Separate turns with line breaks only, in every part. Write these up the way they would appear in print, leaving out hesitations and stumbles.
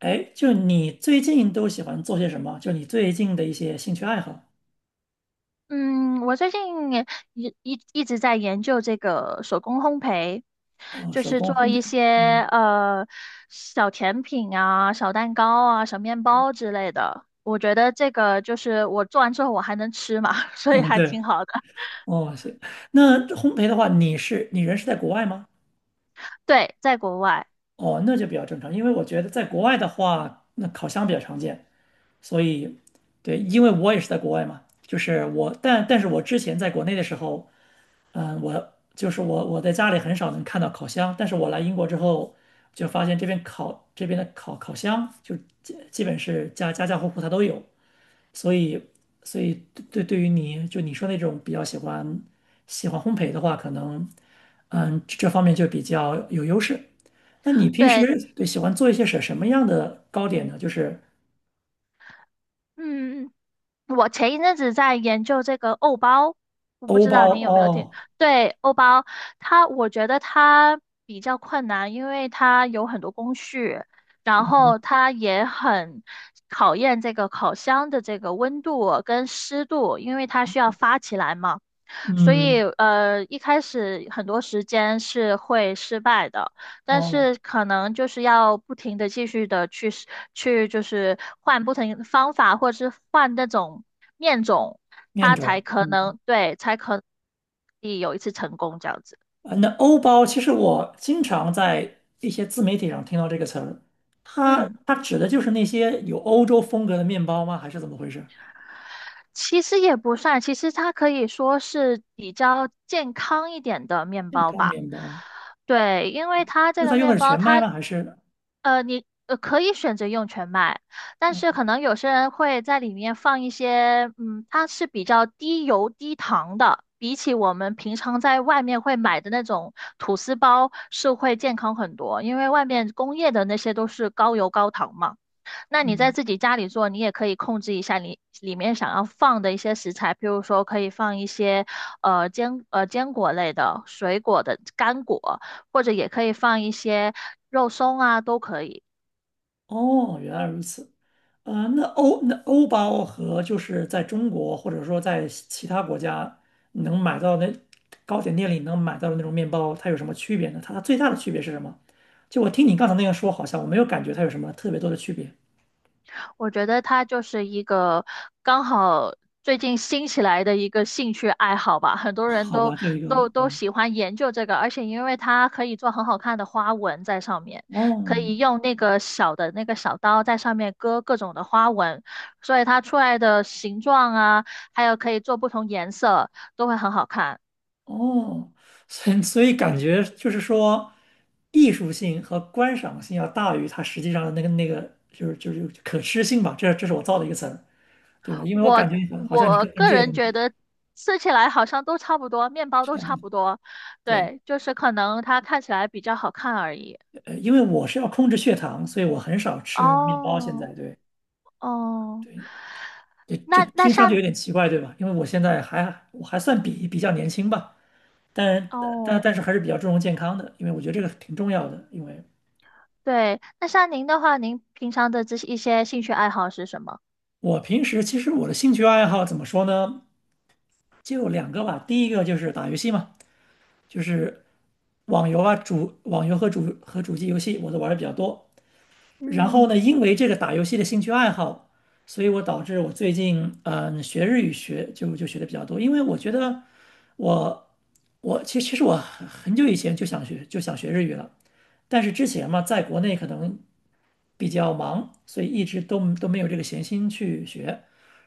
哎，就你最近都喜欢做些什么？就你最近的一些兴趣爱好？
嗯，我最近也一直在研究这个手工烘焙，
哦，
就
手
是
工
做
烘
一
焙。嗯
些小甜品啊、小蛋糕啊、小面包之类的。我觉得这个就是我做完之后我还能吃嘛，所以
嗯，
还
对。
挺好的。
哦，行。那这烘焙的话，你人是在国外吗？
对，在国外，
哦，那就比较正常，因为我觉得在国外的话，那烤箱比较常见，所以对，因为我也是在国外嘛，就是我，但是我之前在国内的时候。嗯，我就是我在家里很少能看到烤箱，但是我来英国之后就发现这边的烤箱就基本是家家户户它都有，所以所以对于你说那种比较喜欢烘焙的话，可能这方面就比较有优势。那你平时，
对。
对，喜欢做一些什么样的糕点呢？就是
嗯，我前一阵子在研究这个欧包，我不
欧
知
包
道您有没有听？
哦，
对，欧包，我觉得它比较困难，因为它有很多工序，然后它也很考验这个烤箱的这个温度跟湿度，因为它需要发起来嘛。所
嗯，
以，一开始很多时间是会失败的，但
哦，
是可能就是要不停的继续的去试去，就是换不同的方法，或者是换那种面种，
面
它才
种，
可
嗯。
能对，才可以有一次成功这样子。
那欧包其实我经常在一些自媒体上听到这个词儿，它
嗯，
它指的就是那些有欧洲风格的面包吗？还是怎么回事？
其实也不算，其实它可以说是比较健康一点的面包
干
吧。
面包？
对，因为它这
那它
个
用的
面
是
包
全麦
它
吗？还是？
你可以选择用全麦，但是可能有些人会在里面放一些，嗯，它是比较低油低糖的，比起我们平常在外面会买的那种吐司包是会健康很多，因为外面工业的那些都是高油高糖嘛。那你在自己家里做，你也可以控制一下你里面想要放的一些食材，譬如说可以放一些坚果类的、水果的干果，或者也可以放一些肉松啊，都可以。
哦，原来如此。啊，那欧包和就是在中国或者说在其他国家能买到的糕点店里能买到的那种面包，它有什么区别呢？它最大的区别是什么？就我听你刚才那样说，好像我没有感觉它有什么特别多的区别。
我觉得它就是一个刚好最近兴起来的一个兴趣爱好吧，很多人
好
都
吧，就一个
都都喜欢研究这个，而且因为它可以做很好看的花纹在上面，可
哦，
以用那个小的那个小刀在上面割各种的花纹，所以它出来的形状啊，还有可以做不同颜色，都会很好看。
哦，所以感觉就是说，艺术性和观赏性要大于它实际上的那个，就是可吃性吧。这是我造的一个词儿，对吧？因为我
我
感觉好像你
我
更关
个
注这些
人
东
觉
西
得吃起来好像都差不多，面包
差
都
不
差
多。
不多。
对，
对，就是可能它看起来比较好看而已。
因为我是要控制血糖，所以我很少吃面包。现
哦。
在，对。
哦，
对，这这
那那
听上去
像
有点奇怪，对吧？因为我现在还算比较年轻吧，但但
哦，
但是还是比较注重健康的，因为我觉得这个挺重要的。因为
对，那像您的话，您平常的这些一些兴趣爱好是什么？
我平时，其实我的兴趣爱好怎么说呢？就两个吧。第一个就是打游戏嘛，就是网游啊，网游和主机游戏我都玩的比较多。然后呢，
嗯。
因为这个打游戏的兴趣爱好，所以导致我最近学日语学就就学的比较多，因为我觉得我我其实我很久以前就想学日语了，但是之前嘛，在国内可能。比较忙，所以一直都没有这个闲心去学。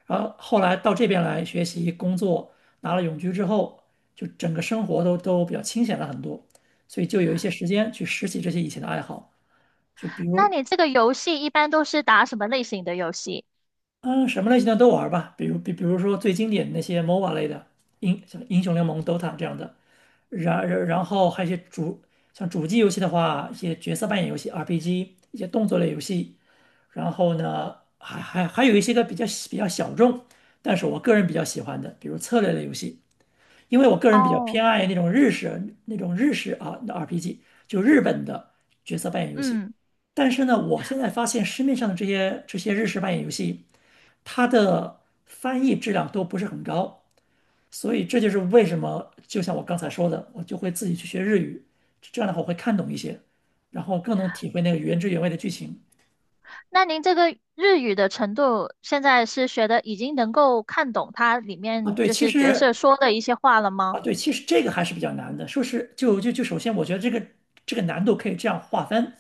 然后后来到这边来学习工作，拿了永居之后，就整个生活都比较清闲了很多，所以就有一些时间去拾起这些以前的爱好，就比
那
如
你这个游戏一般都是打什么类型的游戏？
嗯什么类型的都玩吧，比如说最经典的那些 MOBA 类的像英雄联盟、DOTA 这样的，然后还有一些像主机游戏的话，一些角色扮演游戏、RPG，一些动作类游戏。然后呢，还有一些个比较小众，但是我个人比较喜欢的，比如策略类游戏，因为我个人比较
哦。
偏爱那种日式啊的 RPG，就日本的角色扮演游戏。
嗯，
但是呢，我现在发现市面上的这些日式扮演游戏，它的翻译质量都不是很高，所以这就是为什么，就像我刚才说的，我就会自己去学日语，这样的话我会看懂一些，然后更能体会那个原汁原味的剧情。
那您这个日语的程度现在是学的已经能够看懂它里
啊，
面
对，
就
其
是角色
实
说的一些话了吗？
啊，对，其实这个还是比较难的。说是就就就首先，我觉得这个难度可以这样划分：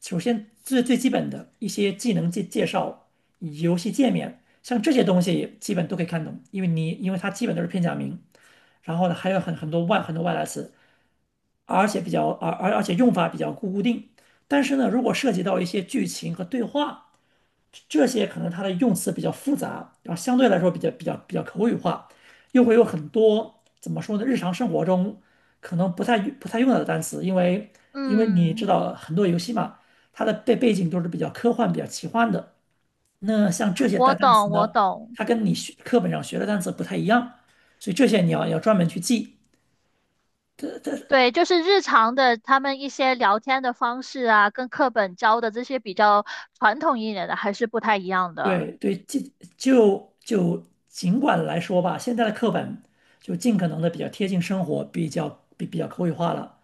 首先最基本的一些技能介绍、游戏界面，像这些东西基本都可以看懂，因为它基本都是片假名。然后呢，还有很多外来词，而且用法比较固定。但是呢，如果涉及到一些剧情和对话，这些可能它的用词比较复杂，然后相对来说比较口语化，又会有很多怎么说呢？日常生活中可能不太用到的单词，因为你知
嗯，
道很多游戏嘛，它的背景都是比较科幻、比较奇幻的。那像这些
我
单词
懂，我
呢，
懂。
它跟你学课本上学的单词不太一样，所以这些你要专门去记。它它
对，就是日常的他们一些聊天的方式啊，跟课本教的这些比较传统一点的还是不太一样的。
对对，尽就就尽管来说吧，现在的课本就尽可能的比较贴近生活，比较口语化了。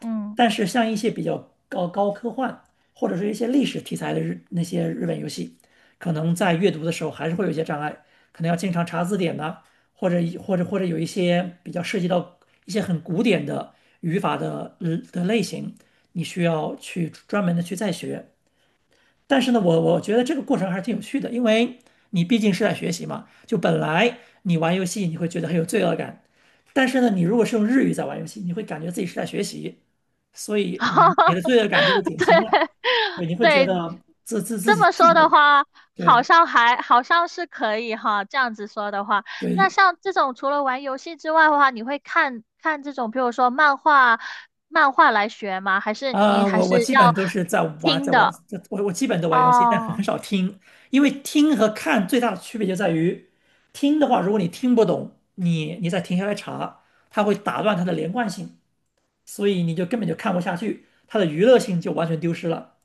嗯。
但是像一些比较高科幻或者是一些历史题材的那些日本游戏，可能在阅读的时候还是会有一些障碍，可能要经常查字典呐、或者有一些比较涉及到一些很古典的语法的类型，你需要去专门的去再学。但是呢，我觉得这个过程还是挺有趣的，因为你毕竟是在学习嘛。就本来你玩游戏你会觉得很有罪恶感，但是呢，你如果是用日语在玩游戏，你会感觉自己是在学习，所以你的罪恶感就会 减
对
轻了。对，你会觉
对，
得自自自
这
己
么
自
说的
己
话，好
对
像还好像是可以哈。这样子说的话，那
对。
像这种除了玩游戏之外的话，你会看看这种，比如说漫画，漫画来学吗？还是你
啊，
还
我
是
基本
要
都是在玩
听
在玩，
的？
我基本都玩游戏，但很
哦。
少听，因为听和看最大的区别就在于，听的话，如果你听不懂，你再停下来查，它会打断它的连贯性。所以你就根本就看不下去，它的娱乐性就完全丢失了。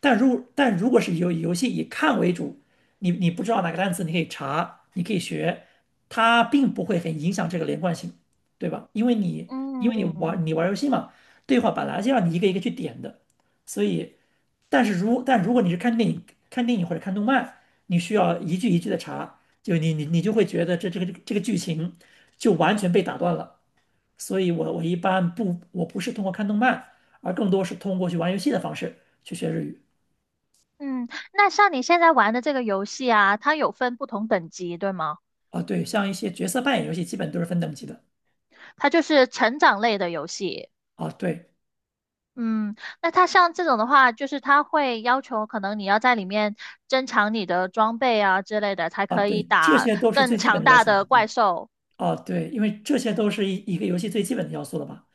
但如果是游戏以看为主，你不知道哪个单词，你可以查，你可以学，它并不会很影响这个连贯性，对吧？因为你因为你
嗯。
玩你玩游戏嘛，对话本来就要你一个一个去点的，所以，但如果你是看电影或者看动漫，你需要一句一句的查，就你就会觉得这个剧情就完全被打断了。所以我一般不，我不是通过看动漫，而更多是通过去玩游戏的方式去学日语。
嗯，那像你现在玩的这个游戏啊，它有分不同等级，对吗？
啊，对，像一些角色扮演游戏，基本都是分等级的。
它就是成长类的游戏。
啊，对，
嗯，那它像这种的话，就是它会要求可能你要在里面增强你的装备啊之类的，才
啊，
可以
对，这
打
些都是最
更
基本
强
的要
大
求了。
的怪
对，
兽。
啊，对，因为这些都是一个游戏最基本的要素了吧？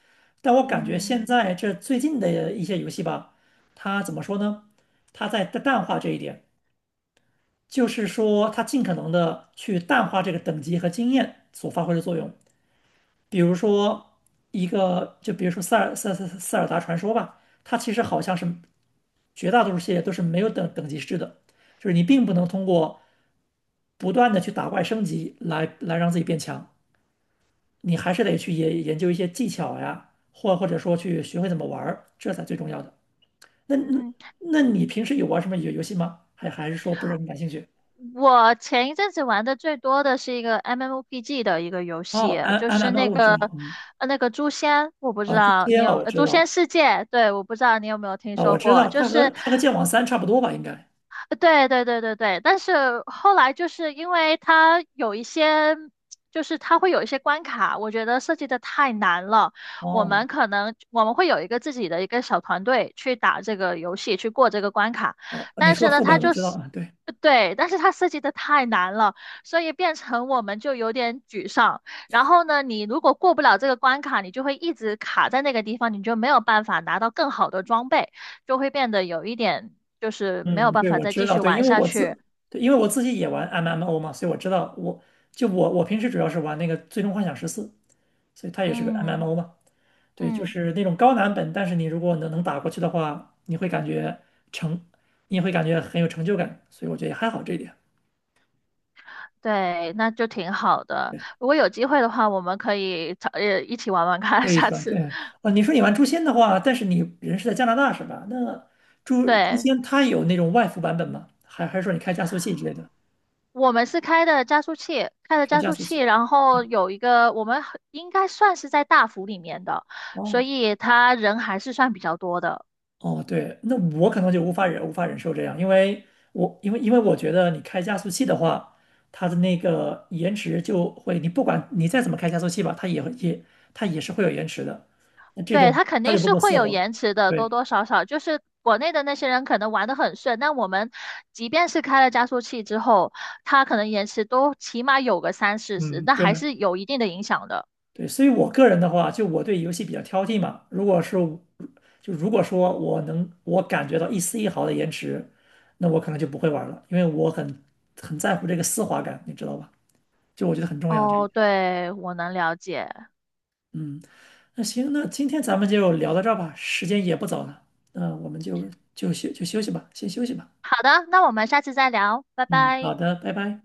但我感觉现
嗯。
在最近的一些游戏吧，它怎么说呢？它在淡化这一点，就是说它尽可能的去淡化这个等级和经验所发挥的作用。比如说一个，就比如说塞尔达传说吧，它其实好像是绝大多数系列都是没有等级制的，就是你并不能通过不断的去打怪升级来让自己变强，你还是得去研究一些技巧呀，或者说去学会怎么玩儿，这才最重要的。那那
嗯，
那你平时有玩什么游戏吗？还是说不是很感兴趣？
我前一阵子玩的最多的是一个 MMOPG 的一个游
哦
戏，
，M
就
M
是
M O
那
我知
个
道，嗯，
那个诛仙，我不知
啊，诛
道你
仙啊
有
我知
诛仙
道，
世界，对，我不知道你有没有听说过，就
它和
是。
它和剑网三差不多吧，应该。
对对对对对，但是后来就是因为它有一些，就是它会有一些关卡，我觉得设计的太难了。我
哦
们可能我们会有一个自己的一个小团队去打这个游戏，去过这个关卡，
哦，你
但
说
是呢，
副
它
本我
就
知道
是。
啊，对，
对，但是它设计的太难了，所以变成我们就有点沮丧。然后呢，你如果过不了这个关卡，你就会一直卡在那个地方，你就没有办法拿到更好的装备。就会变得有一点就是没有
嗯，嗯
办
对，
法
我
再
知
继
道，
续
对，因
玩
为
下
我
去。
自，对，因为我自己也玩 MMO 嘛，所以我知道我，就我平时主要是玩那个《最终幻想十四》，所以它也是个
嗯。
MMO 嘛，对，就
嗯，
是那种高难本，但是你如果能打过去的话，你会感觉成，你也会感觉很有成就感，所以我觉得也还好这一点，
对，那就挺好的。
对，
如果有机会的话，我们可以找一起玩玩看，
可以是
下
吧？
次。
对，哦，你说你玩《诛仙》的话，但是你人是在加拿大是吧？那诛诛
对，
仙它有那种外服版本吗？还是说你开加速器之类的，
我们是开的加速器，开的
开
加
加
速
速
器，
器？
然后有一个我们很应该算是在大服里面的，所
哦。
以他人还是算比较多的。
哦，对，那我可能就无法忍受这样，因为我觉得你开加速器的话，它的那个延迟就会，你不管你再怎么开加速器吧，它也是会有延迟的。那这
对，
种
它肯
它
定
就不
是
够
会
丝
有
滑。
延迟的，多
对，
多少少。就是国内的那些人可能玩得很顺，但我们即便是开了加速器之后，它可能延迟都起码有个三四十，
嗯，
那
对
还是有一定的影响的。
对，所以我个人的话，就我对游戏比较挑剔嘛。如果说我感觉到一丝一毫的延迟，那我可能就不会玩了，因为我很在乎这个丝滑感，你知道吧？就我觉得很重要这一
哦，
点。
对，我能了解。
嗯，那行，那今天咱们就聊到这儿吧，时间也不早了，那我们就休息吧，先休息吧。
好的，那我们下次再聊，拜
嗯，好
拜。
的，拜拜。